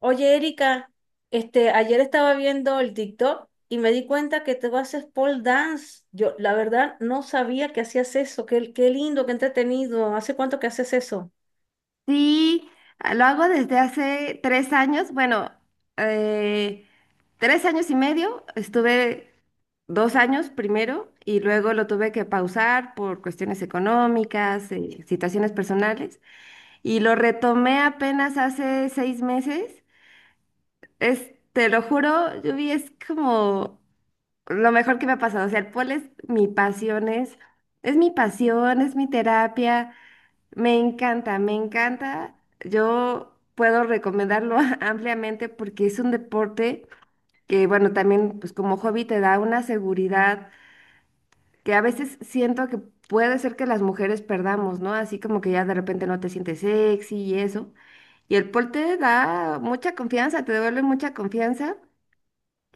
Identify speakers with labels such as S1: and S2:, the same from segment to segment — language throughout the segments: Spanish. S1: Oye, Erika, ayer estaba viendo el TikTok y me di cuenta que tú haces pole dance. Yo, la verdad, no sabía que hacías eso. Qué lindo, qué entretenido. ¿Hace cuánto que haces eso?
S2: Sí, lo hago desde hace 3 años. Bueno, eh, 3 años y medio. Estuve 2 años primero y luego lo tuve que pausar por cuestiones económicas, situaciones personales. Y lo retomé apenas hace 6 meses. Es, te lo juro, Yubi, es como lo mejor que me ha pasado. O sea, el pole es mi pasión, es mi pasión, es mi terapia. Me encanta, me encanta. Yo puedo recomendarlo ampliamente porque es un deporte que, bueno, también pues como hobby te da una seguridad que a veces siento que puede ser que las mujeres perdamos, ¿no? Así como que ya de repente no te sientes sexy y eso. Y el pol te da mucha confianza, te devuelve mucha confianza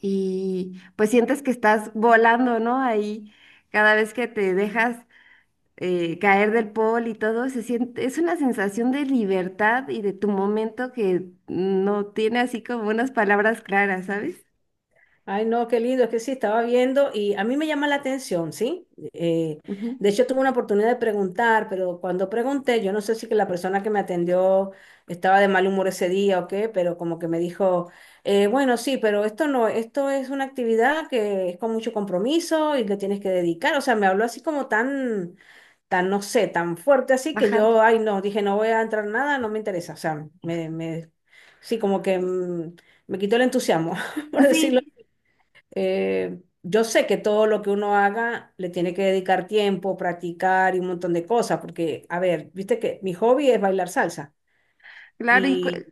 S2: y pues sientes que estás volando, ¿no? Ahí cada vez que te dejas caer del pol y todo, se siente, es una sensación de libertad y de tu momento que no tiene así como unas palabras claras, ¿sabes?
S1: Ay, no, qué lindo, es que sí, estaba viendo y a mí me llama la atención, ¿sí?
S2: Ujú.
S1: De hecho, tuve una oportunidad de preguntar, pero cuando pregunté, yo no sé si que la persona que me atendió estaba de mal humor ese día o qué, pero como que me dijo, bueno, sí, pero esto no, esto es una actividad que es con mucho compromiso y que tienes que dedicar, o sea, me habló así como tan, tan, no sé, tan fuerte así que
S2: Bajante.
S1: yo, ay, no, dije, no voy a entrar nada, no me interesa, o sea, sí, como que me quitó el entusiasmo, por decirlo
S2: Sí,
S1: yo sé que todo lo que uno haga le tiene que dedicar tiempo, practicar y un montón de cosas, porque, a ver, viste que mi hobby es bailar salsa
S2: claro,
S1: y,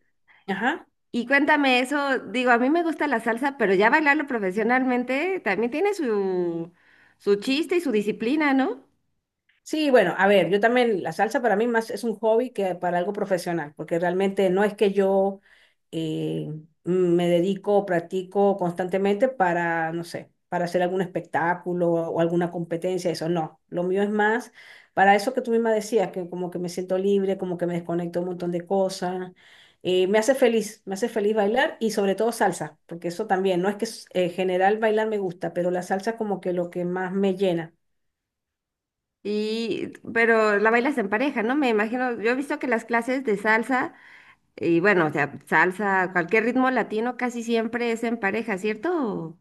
S1: ajá.
S2: y cuéntame eso, digo, a mí me gusta la salsa, pero ya bailarlo profesionalmente también tiene su, su chiste y su disciplina, ¿no?
S1: Sí, bueno, a ver, yo también, la salsa para mí más es un hobby que para algo profesional, porque realmente no es que yo, eh, me dedico o practico constantemente para, no sé, para hacer algún espectáculo o alguna competencia, eso no. Lo mío es más para eso que tú misma decías, que como que me siento libre, como que me desconecto un montón de cosas. Me hace feliz, me hace feliz bailar y sobre todo salsa, porque eso también, no es que en general bailar me gusta, pero la salsa como que lo que más me llena.
S2: Y, pero la bailas en pareja, ¿no? Me imagino, yo he visto que las clases de salsa... Y bueno, o sea, salsa, cualquier ritmo latino casi siempre es en pareja, ¿cierto?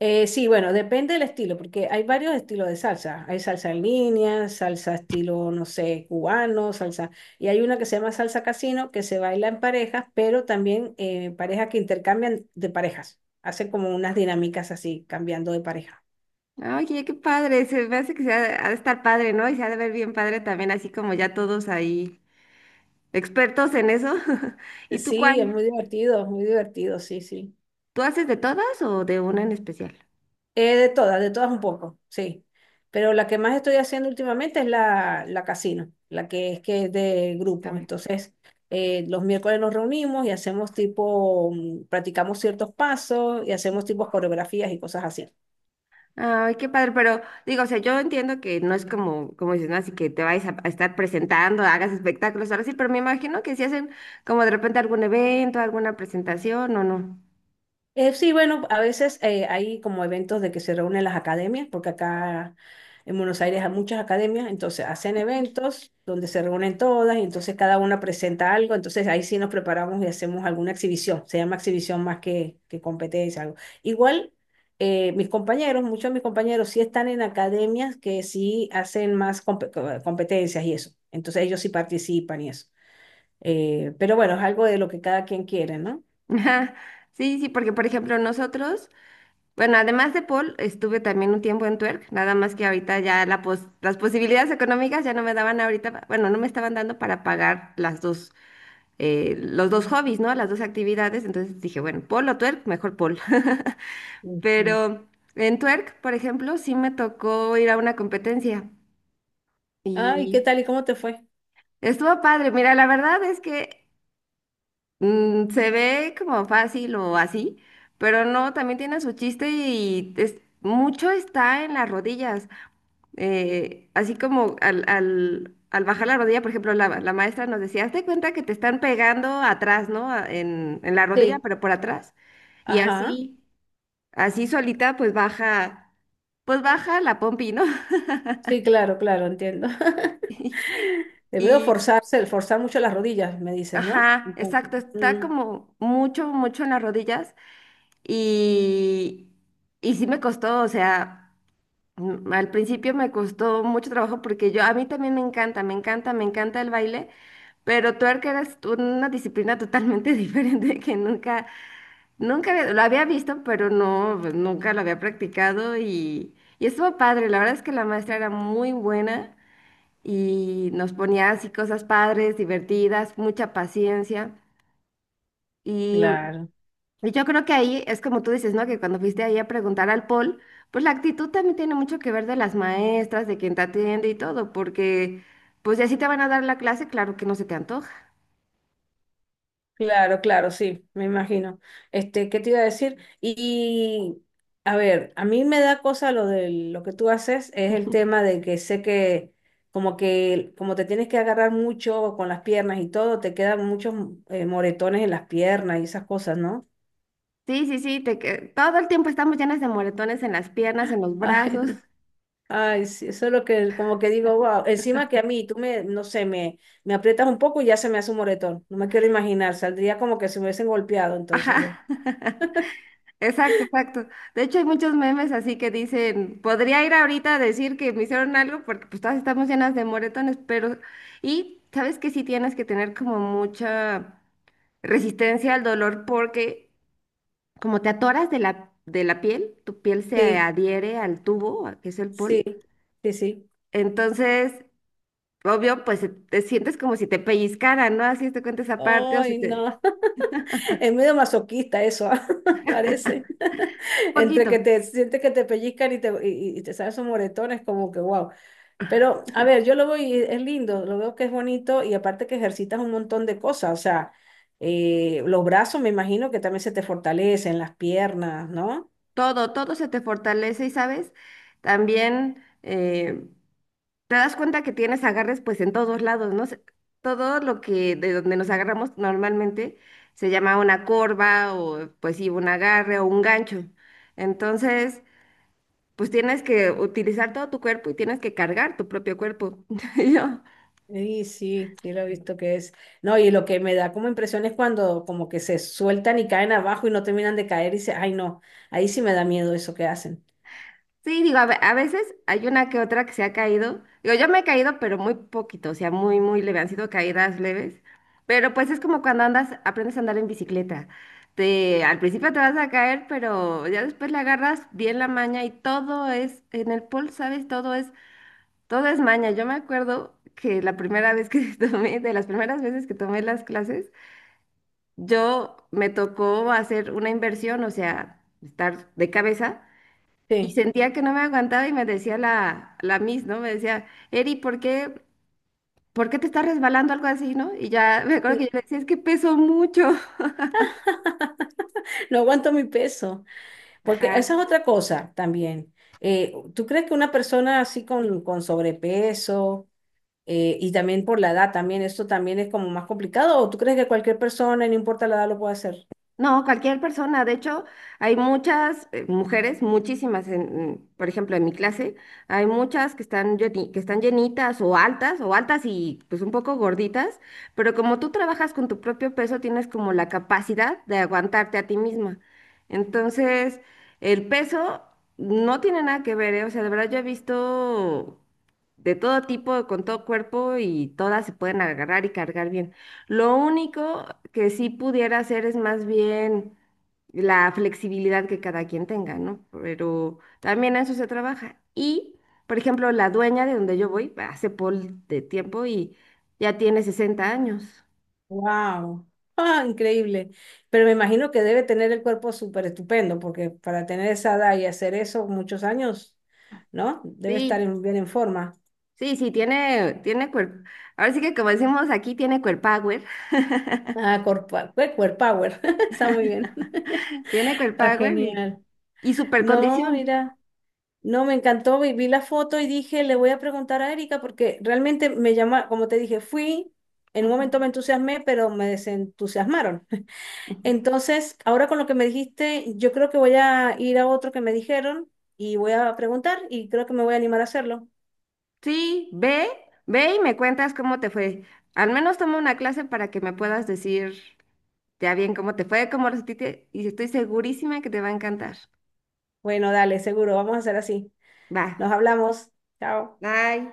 S1: Sí, bueno, depende del estilo, porque hay varios estilos de salsa. Hay salsa en línea, salsa estilo, no sé, cubano, salsa. Y hay una que se llama salsa casino, que se baila en parejas, pero también parejas que intercambian de parejas. Hacen como unas dinámicas así, cambiando de pareja.
S2: Oye, qué padre, se me hace que ha de estar padre, ¿no? Y se ha de ver bien padre también, así como ya todos ahí expertos en eso. ¿Y tú
S1: Sí,
S2: cuál?
S1: es muy divertido, sí, sí.
S2: ¿Tú haces de todas o de una en especial?
S1: De todas un poco, sí. Pero la que más estoy haciendo últimamente es la casino, la que es de grupos.
S2: Cambio.
S1: Entonces, los miércoles nos reunimos y hacemos tipo, practicamos ciertos pasos y hacemos tipo coreografías y cosas así.
S2: Ay, qué padre, pero digo, o sea, yo entiendo que no es como, como dices, ¿no? Así que te vayas a estar presentando, hagas espectáculos, ahora sí, pero me imagino que si hacen como de repente algún evento, alguna presentación o no.
S1: Sí, bueno, a veces hay como eventos de que se reúnen las academias, porque acá en Buenos Aires hay muchas academias, entonces hacen eventos donde se reúnen todas y entonces cada una presenta algo, entonces ahí sí nos preparamos y hacemos alguna exhibición, se llama exhibición más que competencia, algo. Igual, mis compañeros, muchos de mis compañeros sí están en academias que sí hacen más competencias y eso, entonces ellos sí participan y eso. Pero bueno, es algo de lo que cada quien quiere, ¿no?
S2: Ajá. Sí, sí, porque por ejemplo nosotros... Bueno, además de Paul, estuve también un tiempo en Twerk, nada más que ahorita ya las posibilidades económicas ya no me daban ahorita, bueno, no me estaban dando para pagar las dos, los dos hobbies, ¿no? Las dos actividades, entonces dije, bueno, Paul o Twerk, mejor Paul.
S1: Ujú.
S2: Pero en Twerk, por ejemplo, sí me tocó ir a una competencia
S1: Ah, ¿y qué
S2: y
S1: tal y cómo te fue?
S2: estuvo padre. Mira, la verdad es que se ve como fácil o así, pero no, también tiene su chiste y mucho está en las rodillas. Así como al bajar la rodilla, por ejemplo, la maestra nos decía, hazte cuenta que te están pegando atrás, ¿no? En la rodilla,
S1: Sí.
S2: pero por atrás. Y
S1: Ajá.
S2: así, así solita, pues baja la pompi, ¿no?
S1: Sí, claro, claro, entiendo. Debe
S2: Y,
S1: forzarse, forzar mucho las rodillas, me dices, ¿no?
S2: ajá,
S1: Entonces.
S2: exacto, está como mucho, mucho en las rodillas. Y, y sí me costó, o sea, al principio me costó mucho trabajo porque yo, a mí también me encanta, me encanta, me encanta el baile. Pero twerk era una disciplina totalmente diferente que nunca, lo había visto, pero no, pues, nunca lo había practicado y estuvo padre. La verdad es que la maestra era muy buena y nos ponía así cosas padres, divertidas, mucha paciencia. Y,
S1: Claro,
S2: y yo creo que ahí es como tú dices, ¿no? Que cuando fuiste ahí a preguntar al Paul, pues la actitud también tiene mucho que ver de las maestras, de quien te atiende y todo, porque pues si así te van a dar la clase, claro que no se te antoja.
S1: claro, claro, sí, me imagino. ¿Qué te iba a decir? Y, a ver, a mí me da cosa lo de lo que tú haces, es el tema de que sé que como te tienes que agarrar mucho con las piernas y todo, te quedan muchos moretones en las piernas y esas cosas, ¿no?
S2: Sí, sí, sí, todo el tiempo estamos llenas de moretones en las piernas, en los brazos.
S1: Ay, sí, eso es lo que como que digo, wow, encima que a mí, tú me, no sé, me aprietas un poco y ya se me hace un moretón, no me quiero imaginar, saldría como que se me hubiesen golpeado entonces yo.
S2: Ajá. Exacto, exacto. De hecho, hay muchos memes así que dicen, podría ir ahorita a decir que me hicieron algo porque pues todas estamos llenas de moretones, pero y sabes que sí tienes que tener como mucha resistencia al dolor porque como te atoras de la piel, tu piel se
S1: Sí,
S2: adhiere al tubo, que es el
S1: sí,
S2: pol.
S1: sí, sí.
S2: Entonces, obvio, pues te sientes como si te pellizcaran, ¿no? Así te cuenta esa parte o se
S1: Ay,
S2: te...
S1: no, es medio masoquista eso, ah, parece. Entre
S2: Poquito,
S1: que te sientes que te pellizcan y te salen esos moretones, como que wow. Pero, a ver, yo lo voy, es lindo, lo veo que es bonito y aparte que ejercitas un montón de cosas, o sea, los brazos me imagino que también se te fortalecen, las piernas, ¿no?
S2: todo, todo se te fortalece y, ¿sabes? También te das cuenta que tienes agarres pues en todos lados, ¿no? Todo lo que de donde nos agarramos normalmente se llama una corva o pues sí, un agarre o un gancho. Entonces, pues tienes que utilizar todo tu cuerpo y tienes que cargar tu propio cuerpo. Y yo,
S1: Sí, sí, sí lo he visto que es. No, y lo que me da como impresión es cuando como que se sueltan y caen abajo y no terminan de caer y dice, ay no, ahí sí me da miedo eso que hacen.
S2: sí, digo, a veces hay una que otra que se ha caído. Digo, yo me he caído, pero muy poquito, o sea, muy, muy leve. Han sido caídas leves. Pero pues es como cuando andas, aprendes a andar en bicicleta. Te, al principio te vas a caer, pero ya después le agarras bien la maña y todo es, en el pol, ¿sabes? Todo es maña. Yo me acuerdo que la primera vez que de las primeras veces que tomé las clases, yo me tocó hacer una inversión, o sea, estar de cabeza. Y
S1: Sí.
S2: sentía que no me aguantaba y me decía la Miss, ¿no? Me decía, Eri, ¿ por qué te estás resbalando? Algo así, ¿no? Y ya me acuerdo
S1: Sí.
S2: que yo le decía, es que peso mucho.
S1: No aguanto mi peso, porque esa es
S2: Ajá.
S1: otra cosa también. ¿Tú crees que una persona así con sobrepeso… Y también por la edad, también esto también es como más complicado. ¿O tú crees que cualquier persona, no importa la edad, lo puede hacer?
S2: No, cualquier persona. De hecho, hay muchas mujeres, muchísimas, por ejemplo, en mi clase, hay muchas que están, que están llenitas o altas y pues un poco gorditas, pero como tú trabajas con tu propio peso, tienes como la capacidad de aguantarte a ti misma. Entonces, el peso no tiene nada que ver, ¿eh? O sea, de verdad yo he visto de todo tipo, con todo cuerpo y todas se pueden agarrar y cargar bien. Lo único que sí pudiera hacer es más bien la flexibilidad que cada quien tenga, ¿no? Pero también a eso se trabaja. Y, por ejemplo, la dueña de donde yo voy, hace pol de tiempo y ya tiene 60 años.
S1: ¡Wow! ¡Ah, increíble! Pero me imagino que debe tener el cuerpo súper estupendo, porque para tener esa edad y hacer eso muchos años, ¿no? Debe estar
S2: Sí,
S1: bien en forma.
S2: sí, sí, tiene cuerpo. Ahora sí que como decimos aquí, tiene cuerpower,
S1: Ah, Core Power, Power. Está muy bien.
S2: tiene
S1: Está
S2: cuerpower
S1: genial.
S2: y
S1: No,
S2: supercondición.
S1: mira. No, me encantó, vi, vi la foto y dije, le voy a preguntar a Erika porque realmente me llama, como te dije, fui, en un momento me entusiasmé, pero me desentusiasmaron.
S2: Ujú.
S1: Entonces, ahora con lo que me dijiste, yo creo que voy a ir a otro que me dijeron y voy a preguntar y creo que me voy a animar a hacerlo.
S2: Sí, ve, ve y me cuentas cómo te fue. Al menos toma una clase para que me puedas decir ya bien cómo te fue, cómo lo sentiste, y estoy segurísima que te va a encantar.
S1: Bueno, dale, seguro, vamos a hacer así.
S2: Va,
S1: Nos hablamos. Chao.
S2: bye.